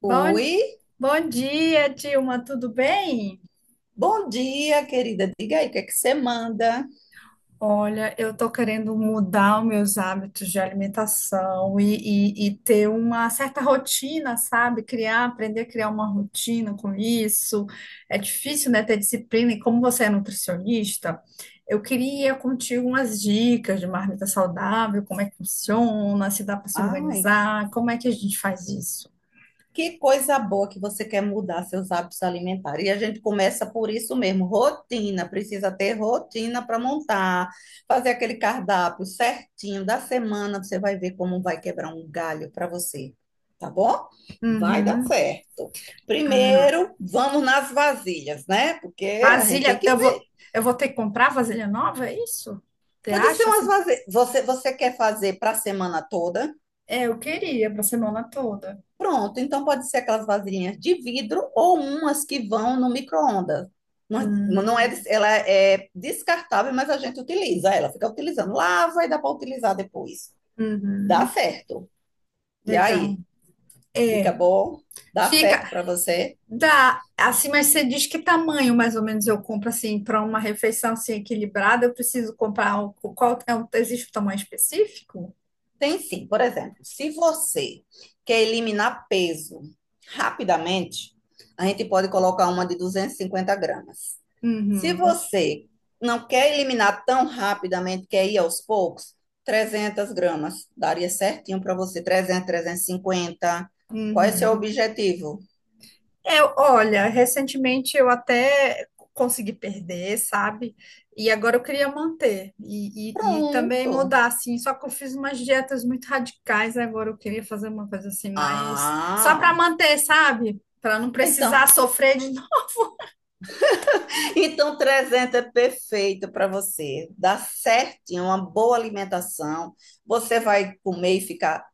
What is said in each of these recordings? Bom, Oi, bom dia, Dilma, tudo bem? bom dia, querida. Diga aí, o que é que você manda? Olha, eu tô querendo mudar os meus hábitos de alimentação e ter uma certa rotina, sabe? Aprender a criar uma rotina com isso. É difícil, né, ter disciplina. E como você é nutricionista, eu queria contigo umas dicas de marmita saudável, como é que funciona, se dá para se Ai, organizar, como é que a gente faz isso? que coisa boa que você quer mudar seus hábitos alimentares. E a gente começa por isso mesmo, rotina. Precisa ter rotina para montar, fazer aquele cardápio certinho da semana. Você vai ver como vai quebrar um galho para você, tá bom? Vai dar Uhum. certo. Ah. Primeiro, vamos nas vasilhas, né? Porque a gente tem Vasilha, que eu ver. vou, eu vou ter que comprar vasilha nova, é isso? Você Pode ser acha umas assim? vasilhas. Você quer fazer para a semana toda? É, eu queria para semana toda. Pronto, então pode ser aquelas vasilhinhas de vidro ou umas que vão no micro-ondas. Não, é, não é, Hum, ela é descartável, mas a gente utiliza ela, fica utilizando. Lava e dá para utilizar depois. Dá uhum, certo. E legal. aí, fica É, bom? Dá certo fica, para você? dá, assim, mas você diz que tamanho mais ou menos eu compro assim para uma refeição assim equilibrada, eu preciso comprar o qual é, existe um tamanho específico? Tem sim. Por exemplo, se você quer eliminar peso rapidamente, a gente pode colocar uma de 250 gramas. Se Uhum, você não quer eliminar tão rapidamente, quer ir aos poucos, 300 gramas. Daria certinho para você. 300, 350. Qual é o seu uhum. objetivo? É, olha, recentemente eu até consegui perder, sabe? E agora eu queria manter e também Pronto. mudar, assim. Só que eu fiz umas dietas muito radicais, agora eu queria fazer uma coisa assim, mais só para Ah, manter, sabe? Para não precisar então, sofrer de novo. então 300 é perfeito para você. Dá certinho, uma boa alimentação. Você vai comer e ficar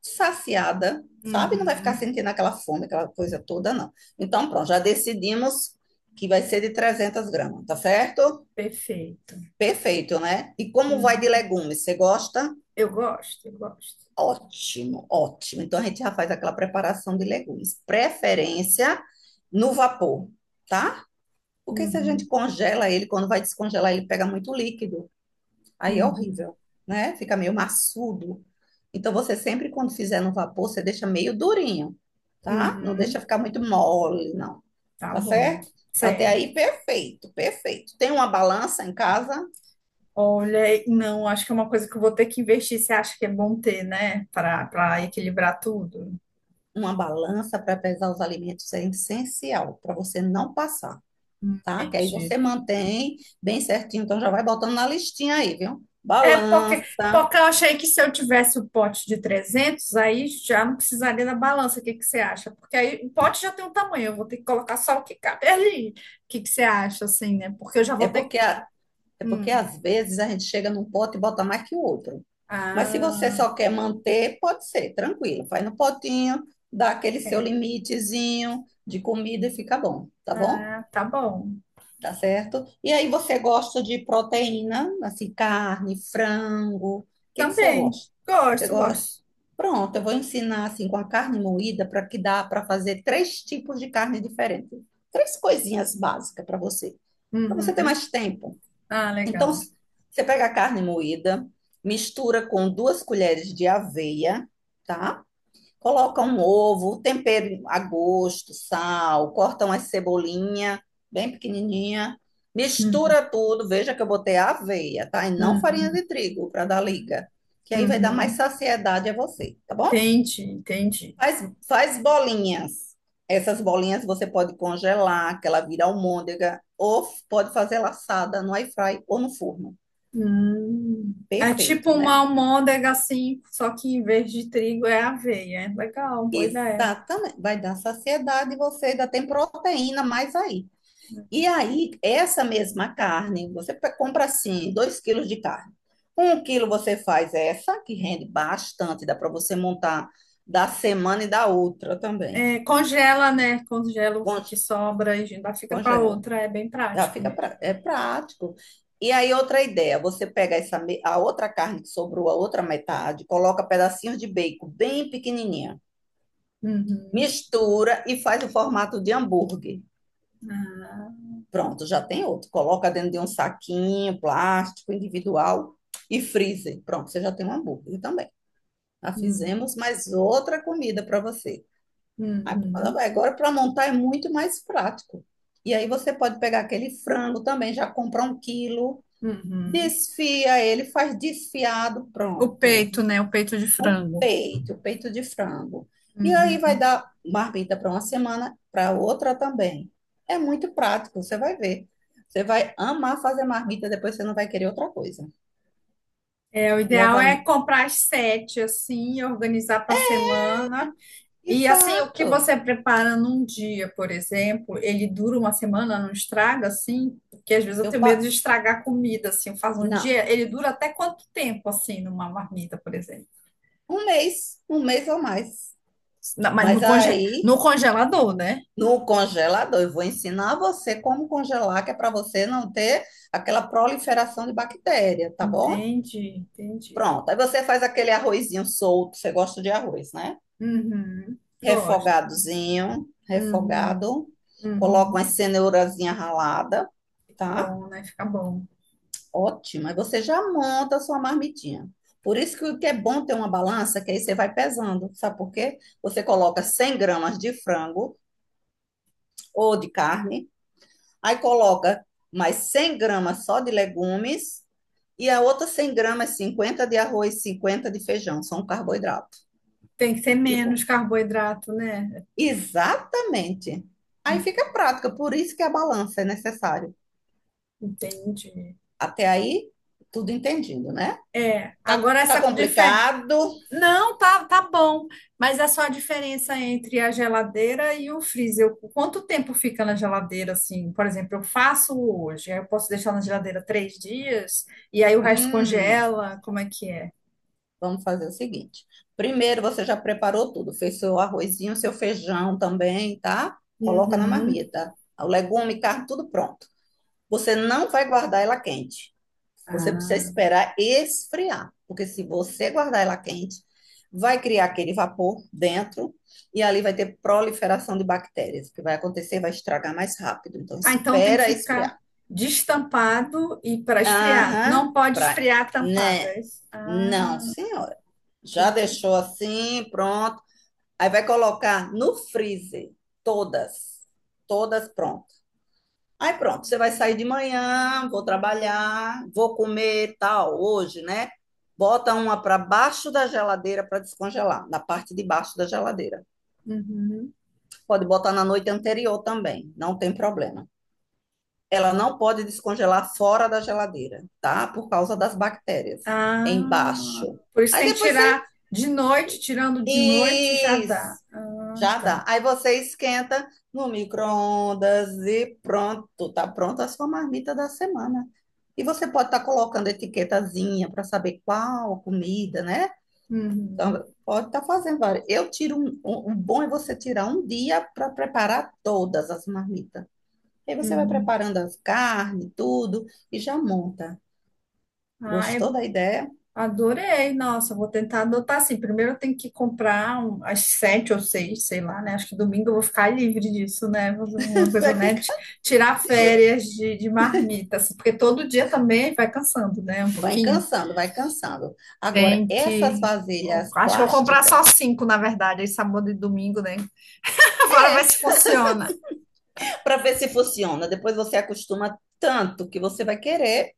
saciada, sabe? Não vai ficar Uhum, sentindo aquela fome, aquela coisa toda, não. Então, pronto, já decidimos que vai ser de 300 gramas, tá certo? perfeito. Perfeito, né? E como vai de Uhum. legumes? Você gosta? Eu gosto, eu gosto. Ótimo, ótimo. Então, a gente já faz aquela preparação de legumes. Preferência no vapor, tá? Porque se a gente Uhum, congela ele, quando vai descongelar, ele pega muito líquido. Aí é uhum, horrível, né? Fica meio maçudo. Então você sempre quando fizer no vapor, você deixa meio durinho, tá? Não uhum. deixa ficar muito mole, não. Tá Tá bom. certo? Até Certo. aí perfeito, perfeito. Tem uma balança em casa? Olha, não, acho que é uma coisa que eu vou ter que investir. Você acha que é bom ter, né? Para equilibrar tudo. Uma balança para pesar os alimentos é essencial para você não passar, tá? Que aí Entendi. você mantém bem certinho, então já vai botando na listinha aí, viu? É, porque, Balança. porque eu achei que se eu tivesse o pote de 300 aí já não precisaria da balança. O que que você acha? Porque aí o pote já tem um tamanho, eu vou ter que colocar só o que cabe ali. O que que você acha, assim, né? Porque eu já É vou ter. porque a- é porque Hum. às vezes a gente chega num pote e bota mais que o outro. Mas se você Ah, só quer manter, pode ser, tranquilo. Faz no potinho, dá aquele seu limitezinho de comida e fica bom? ah, tá bom. Tá certo? E aí você gosta de proteína, assim, carne, frango. O que que você Também. gosta? Você Gosto, gosta? gosto. Pronto, eu vou ensinar assim com a carne moída para que dá para fazer três tipos de carne diferentes. Três coisinhas básicas para você ter Uhum. mais tempo. Ah, Então, legal. Você pega a carne moída, mistura com 2 colheres de aveia, tá? Coloca um ovo, tempero a gosto, sal, corta uma cebolinha bem pequenininha, Uhum. mistura tudo. Veja que eu botei aveia, tá? E não farinha Uhum. de trigo para dar liga, que aí vai dar mais Uhum. saciedade a você, tá bom? Entendi, entendi. Faz, faz bolinhas. Essas bolinhas você pode congelar, que ela vira almôndega, ou pode fazer laçada no air fry ou no forno. Hum. É tipo Perfeito, uma né? almôndega assim, só que em vez de trigo é aveia. É legal, boa ideia. Exatamente. Vai dar saciedade e você ainda tem proteína mais aí. E aí, essa mesma carne, você compra assim, 2 quilos de carne. Um quilo você faz essa, que rende bastante, dá para você montar da semana e da outra também. É, congela, né? Congela o Con- que sobra e ainda fica para Congela. outra. É bem Já prático fica mesmo. É prático. E aí, outra ideia, você pega essa, a outra carne que sobrou, a outra metade, coloca pedacinhos de bacon bem pequenininha Uhum. mistura e faz o formato de hambúrguer. Ah, Pronto, já tem outro. Coloca dentro de um saquinho plástico individual e freezer. Pronto, você já tem um hambúrguer também. Já hum, fizemos mais outra comida para você. uhum, Agora, para montar é muito mais prático. E aí você pode pegar aquele frango também, já comprar 1 quilo, uhum. desfia ele, faz desfiado, O pronto. peito, né? O peito de O frango. peito, o peito de frango. E aí vai Uhum. dar marmita para uma semana, para outra também. É muito prático, você vai ver. Você vai amar fazer marmita, depois você não vai querer outra coisa. É, o E as ideal am... é comprar as sete assim, organizar para a semana. E assim, o que Exato. você prepara num dia, por exemplo, ele dura uma semana, não estraga assim? Porque às vezes eu Eu tenho medo de pa... estragar a comida, assim, eu faço um Não, dia, ele dura até quanto tempo, assim, numa marmita, por exemplo? Um mês ou mais. Mas no Mas conge... aí, no congelador, né? no congelador, eu vou ensinar você como congelar, que é para você não ter aquela proliferação de bactéria, tá bom? Entendi, entendi. Pronto. Aí você faz aquele arrozinho solto, você gosta de arroz, né? Uhum, gosto. Refogadozinho, Uhum, refogado. Coloca uhum. uma cenourazinha ralada, Tá tá? bom, né? Fica bom. Ótimo. Aí você já monta a sua marmitinha. Por isso que o que é bom ter uma balança, que aí você vai pesando. Sabe por quê? Você coloca 100 gramas de frango ou de carne, aí coloca mais 100 gramas só de legumes e a outra 100 gramas, 50 de arroz, 50 de feijão. São carboidrato. Tem que ter Viu? menos carboidrato, né? Exatamente. Aí Hum, fica prática, por isso que a balança é necessária. entendi. Até aí, tudo entendido, né? É, Tá, agora tá essa diferença. complicado? Não, tá, tá bom. Mas é só a diferença entre a geladeira e o freezer. Quanto tempo fica na geladeira, assim? Por exemplo, eu faço hoje, aí eu posso deixar na geladeira 3 dias, e aí o resto Hum, congela. Como é que é? vamos fazer o seguinte. Primeiro, você já preparou tudo, fez seu arrozinho, seu feijão também, tá? Coloca na Uhum. marmita. O legume, carne, tudo pronto. Você não vai guardar ela quente. Você precisa Ah, esperar esfriar, porque se você guardar ela quente, vai criar aquele vapor dentro e ali vai ter proliferação de bactérias. O que vai acontecer vai estragar mais rápido. Então, Ah, então tem que espera ficar esfriar. destampado e para esfriar. Aham, Não pode esfriar tampado, né? é isso? Não, Ah, senhora. Já entendi. deixou assim, pronto. Aí vai colocar no freezer todas, todas pronto. Aí pronto, você vai sair de manhã, vou trabalhar, vou comer tal hoje, né? Bota uma para baixo da geladeira para descongelar, na parte de baixo da geladeira. Uhum. Pode botar na noite anterior também, não tem problema. Ela não pode descongelar fora da geladeira, tá? Por causa das bactérias. É Ah, embaixo. por isso Aí tem que depois você. tirar de noite, tirando de noite já Isso! dá. Ah, Já tá. dá. Aí você esquenta no micro-ondas e pronto. Tá pronta a sua marmita da semana. E você pode estar colocando etiquetazinha para saber qual comida, né? Uhum, Então, pode estar fazendo várias. Eu tiro um, um, um bom é você tirar um dia para preparar todas as marmitas. E aí você vai uhum. preparando a carne, tudo, e já monta. Ai, Gostou da ideia? adorei. Nossa, vou tentar adotar assim. Primeiro eu tenho que comprar as sete ou seis, sei lá, né? Acho que domingo eu vou ficar livre disso, né? Vou fazer uma coisa, Vai né? Ficar. Tirar férias de marmita, assim, porque todo dia também vai cansando, né? Um Vai pouquinho. cansando, vai cansando. Agora, Tem essas que. Eu vasilhas acho que eu vou comprar plásticas, só cinco, na verdade, aí sábado e domingo, né? Agora vai é se funciona. para ver se funciona. Depois você acostuma tanto que você vai querer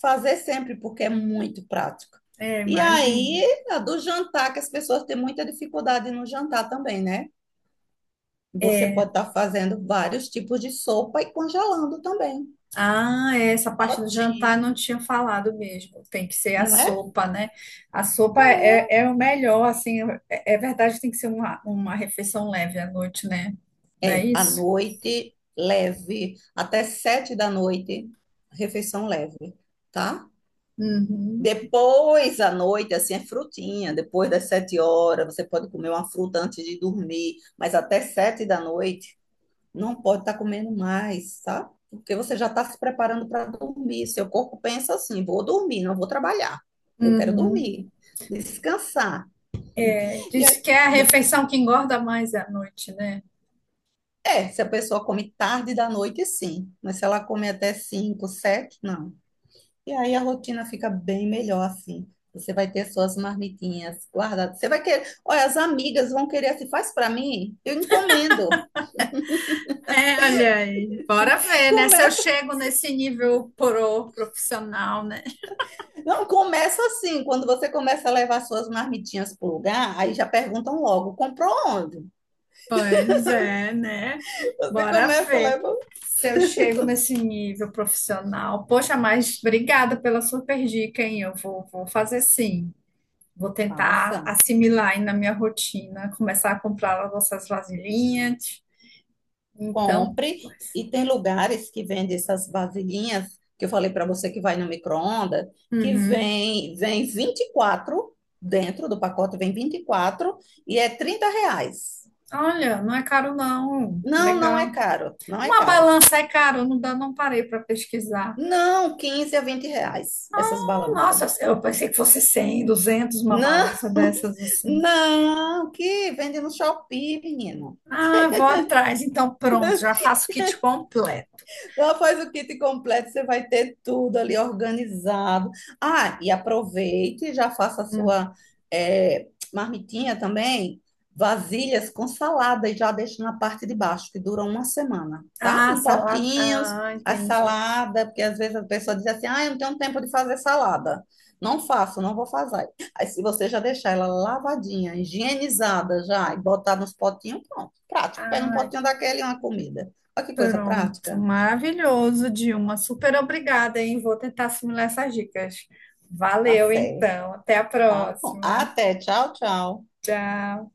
fazer sempre, porque é muito prático. É, E imagino. aí, a do jantar, que as pessoas têm muita dificuldade no jantar também, né? Você pode estar fazendo vários tipos de sopa e congelando também. Ah, é, essa parte do Pote, jantar eu não tinha falado mesmo. Tem que ser a não é? sopa, né? A sopa é, É. é o melhor, assim, é, é verdade, tem que ser uma refeição leve à noite, né? Não é É, à isso? noite, leve, até 7 da noite, refeição leve, tá? Uhum, Depois, à noite, assim, é frutinha. Depois das 7 horas, você pode comer uma fruta antes de dormir, mas até 7 da noite, não pode estar comendo mais, tá? Porque você já está se preparando para dormir. Seu corpo pensa assim: vou dormir, não vou trabalhar. Eu quero uhum. dormir, descansar. É, E diz aí, que é a refeição que engorda mais à noite, né? é, se a pessoa come tarde da noite, sim. Mas se ela come até 5, 7, não. E aí a rotina fica bem melhor assim. Você vai ter suas marmitinhas guardadas. Você vai querer. Olha, as amigas vão querer assim, faz para mim? Eu encomendo. É, olha aí, bora ver, né? Se eu Começa, chego nesse nível pro profissional, né? não começa assim. Quando você começa a levar suas marmitinhas pro lugar, aí já perguntam logo, comprou onde? Pois é, né? Você Bora começa a ver levar. se eu chego nesse nível profissional. Poxa, mas obrigada pela super dica, hein? Eu vou, vou fazer sim. Vou tentar Faça. assimilar aí na minha rotina, começar a comprar as nossas vasilhinhas. Então, Compre. pois. E tem lugares que vendem essas vasilhinhas que eu falei para você que vai no micro-ondas, que Uhum. vem 24 dentro do pacote, vem 24 e é R$ 30. Olha, não é caro não. Não, não é Legal. caro, não é Uma caro. balança é caro, não dá, não parei para pesquisar. Não, R$ 15 a R$ 20 essas balanças. Nossa, eu pensei que fosse 100, 200, uma Não, balança dessas assim. não, que vende no Shopee, menina. Ah, vou atrás. Então, pronto, já faço o kit completo. Ela faz o kit completo, você vai ter tudo ali organizado. Ah, e aproveite, já faça a Hum. sua é, marmitinha também, vasilhas com salada e já deixa na parte de baixo, que dura uma semana, tá? Ah, Em salada. potinhos, Ah, a entendi. salada, porque às vezes a pessoa diz assim, ah, eu não tenho tempo de fazer salada. Não faço, não vou fazer. Aí se você já deixar ela lavadinha, higienizada já, e botar nos potinhos, pronto. Prático, pega um potinho daquele e uma comida. Olha que coisa Pronto, prática. maravilhoso, Dilma. Super obrigada, hein? Vou tentar assimilar essas dicas. Tá Valeu, certo. então. Até a Tá bom. próxima. Até. Tchau, tchau. Tchau.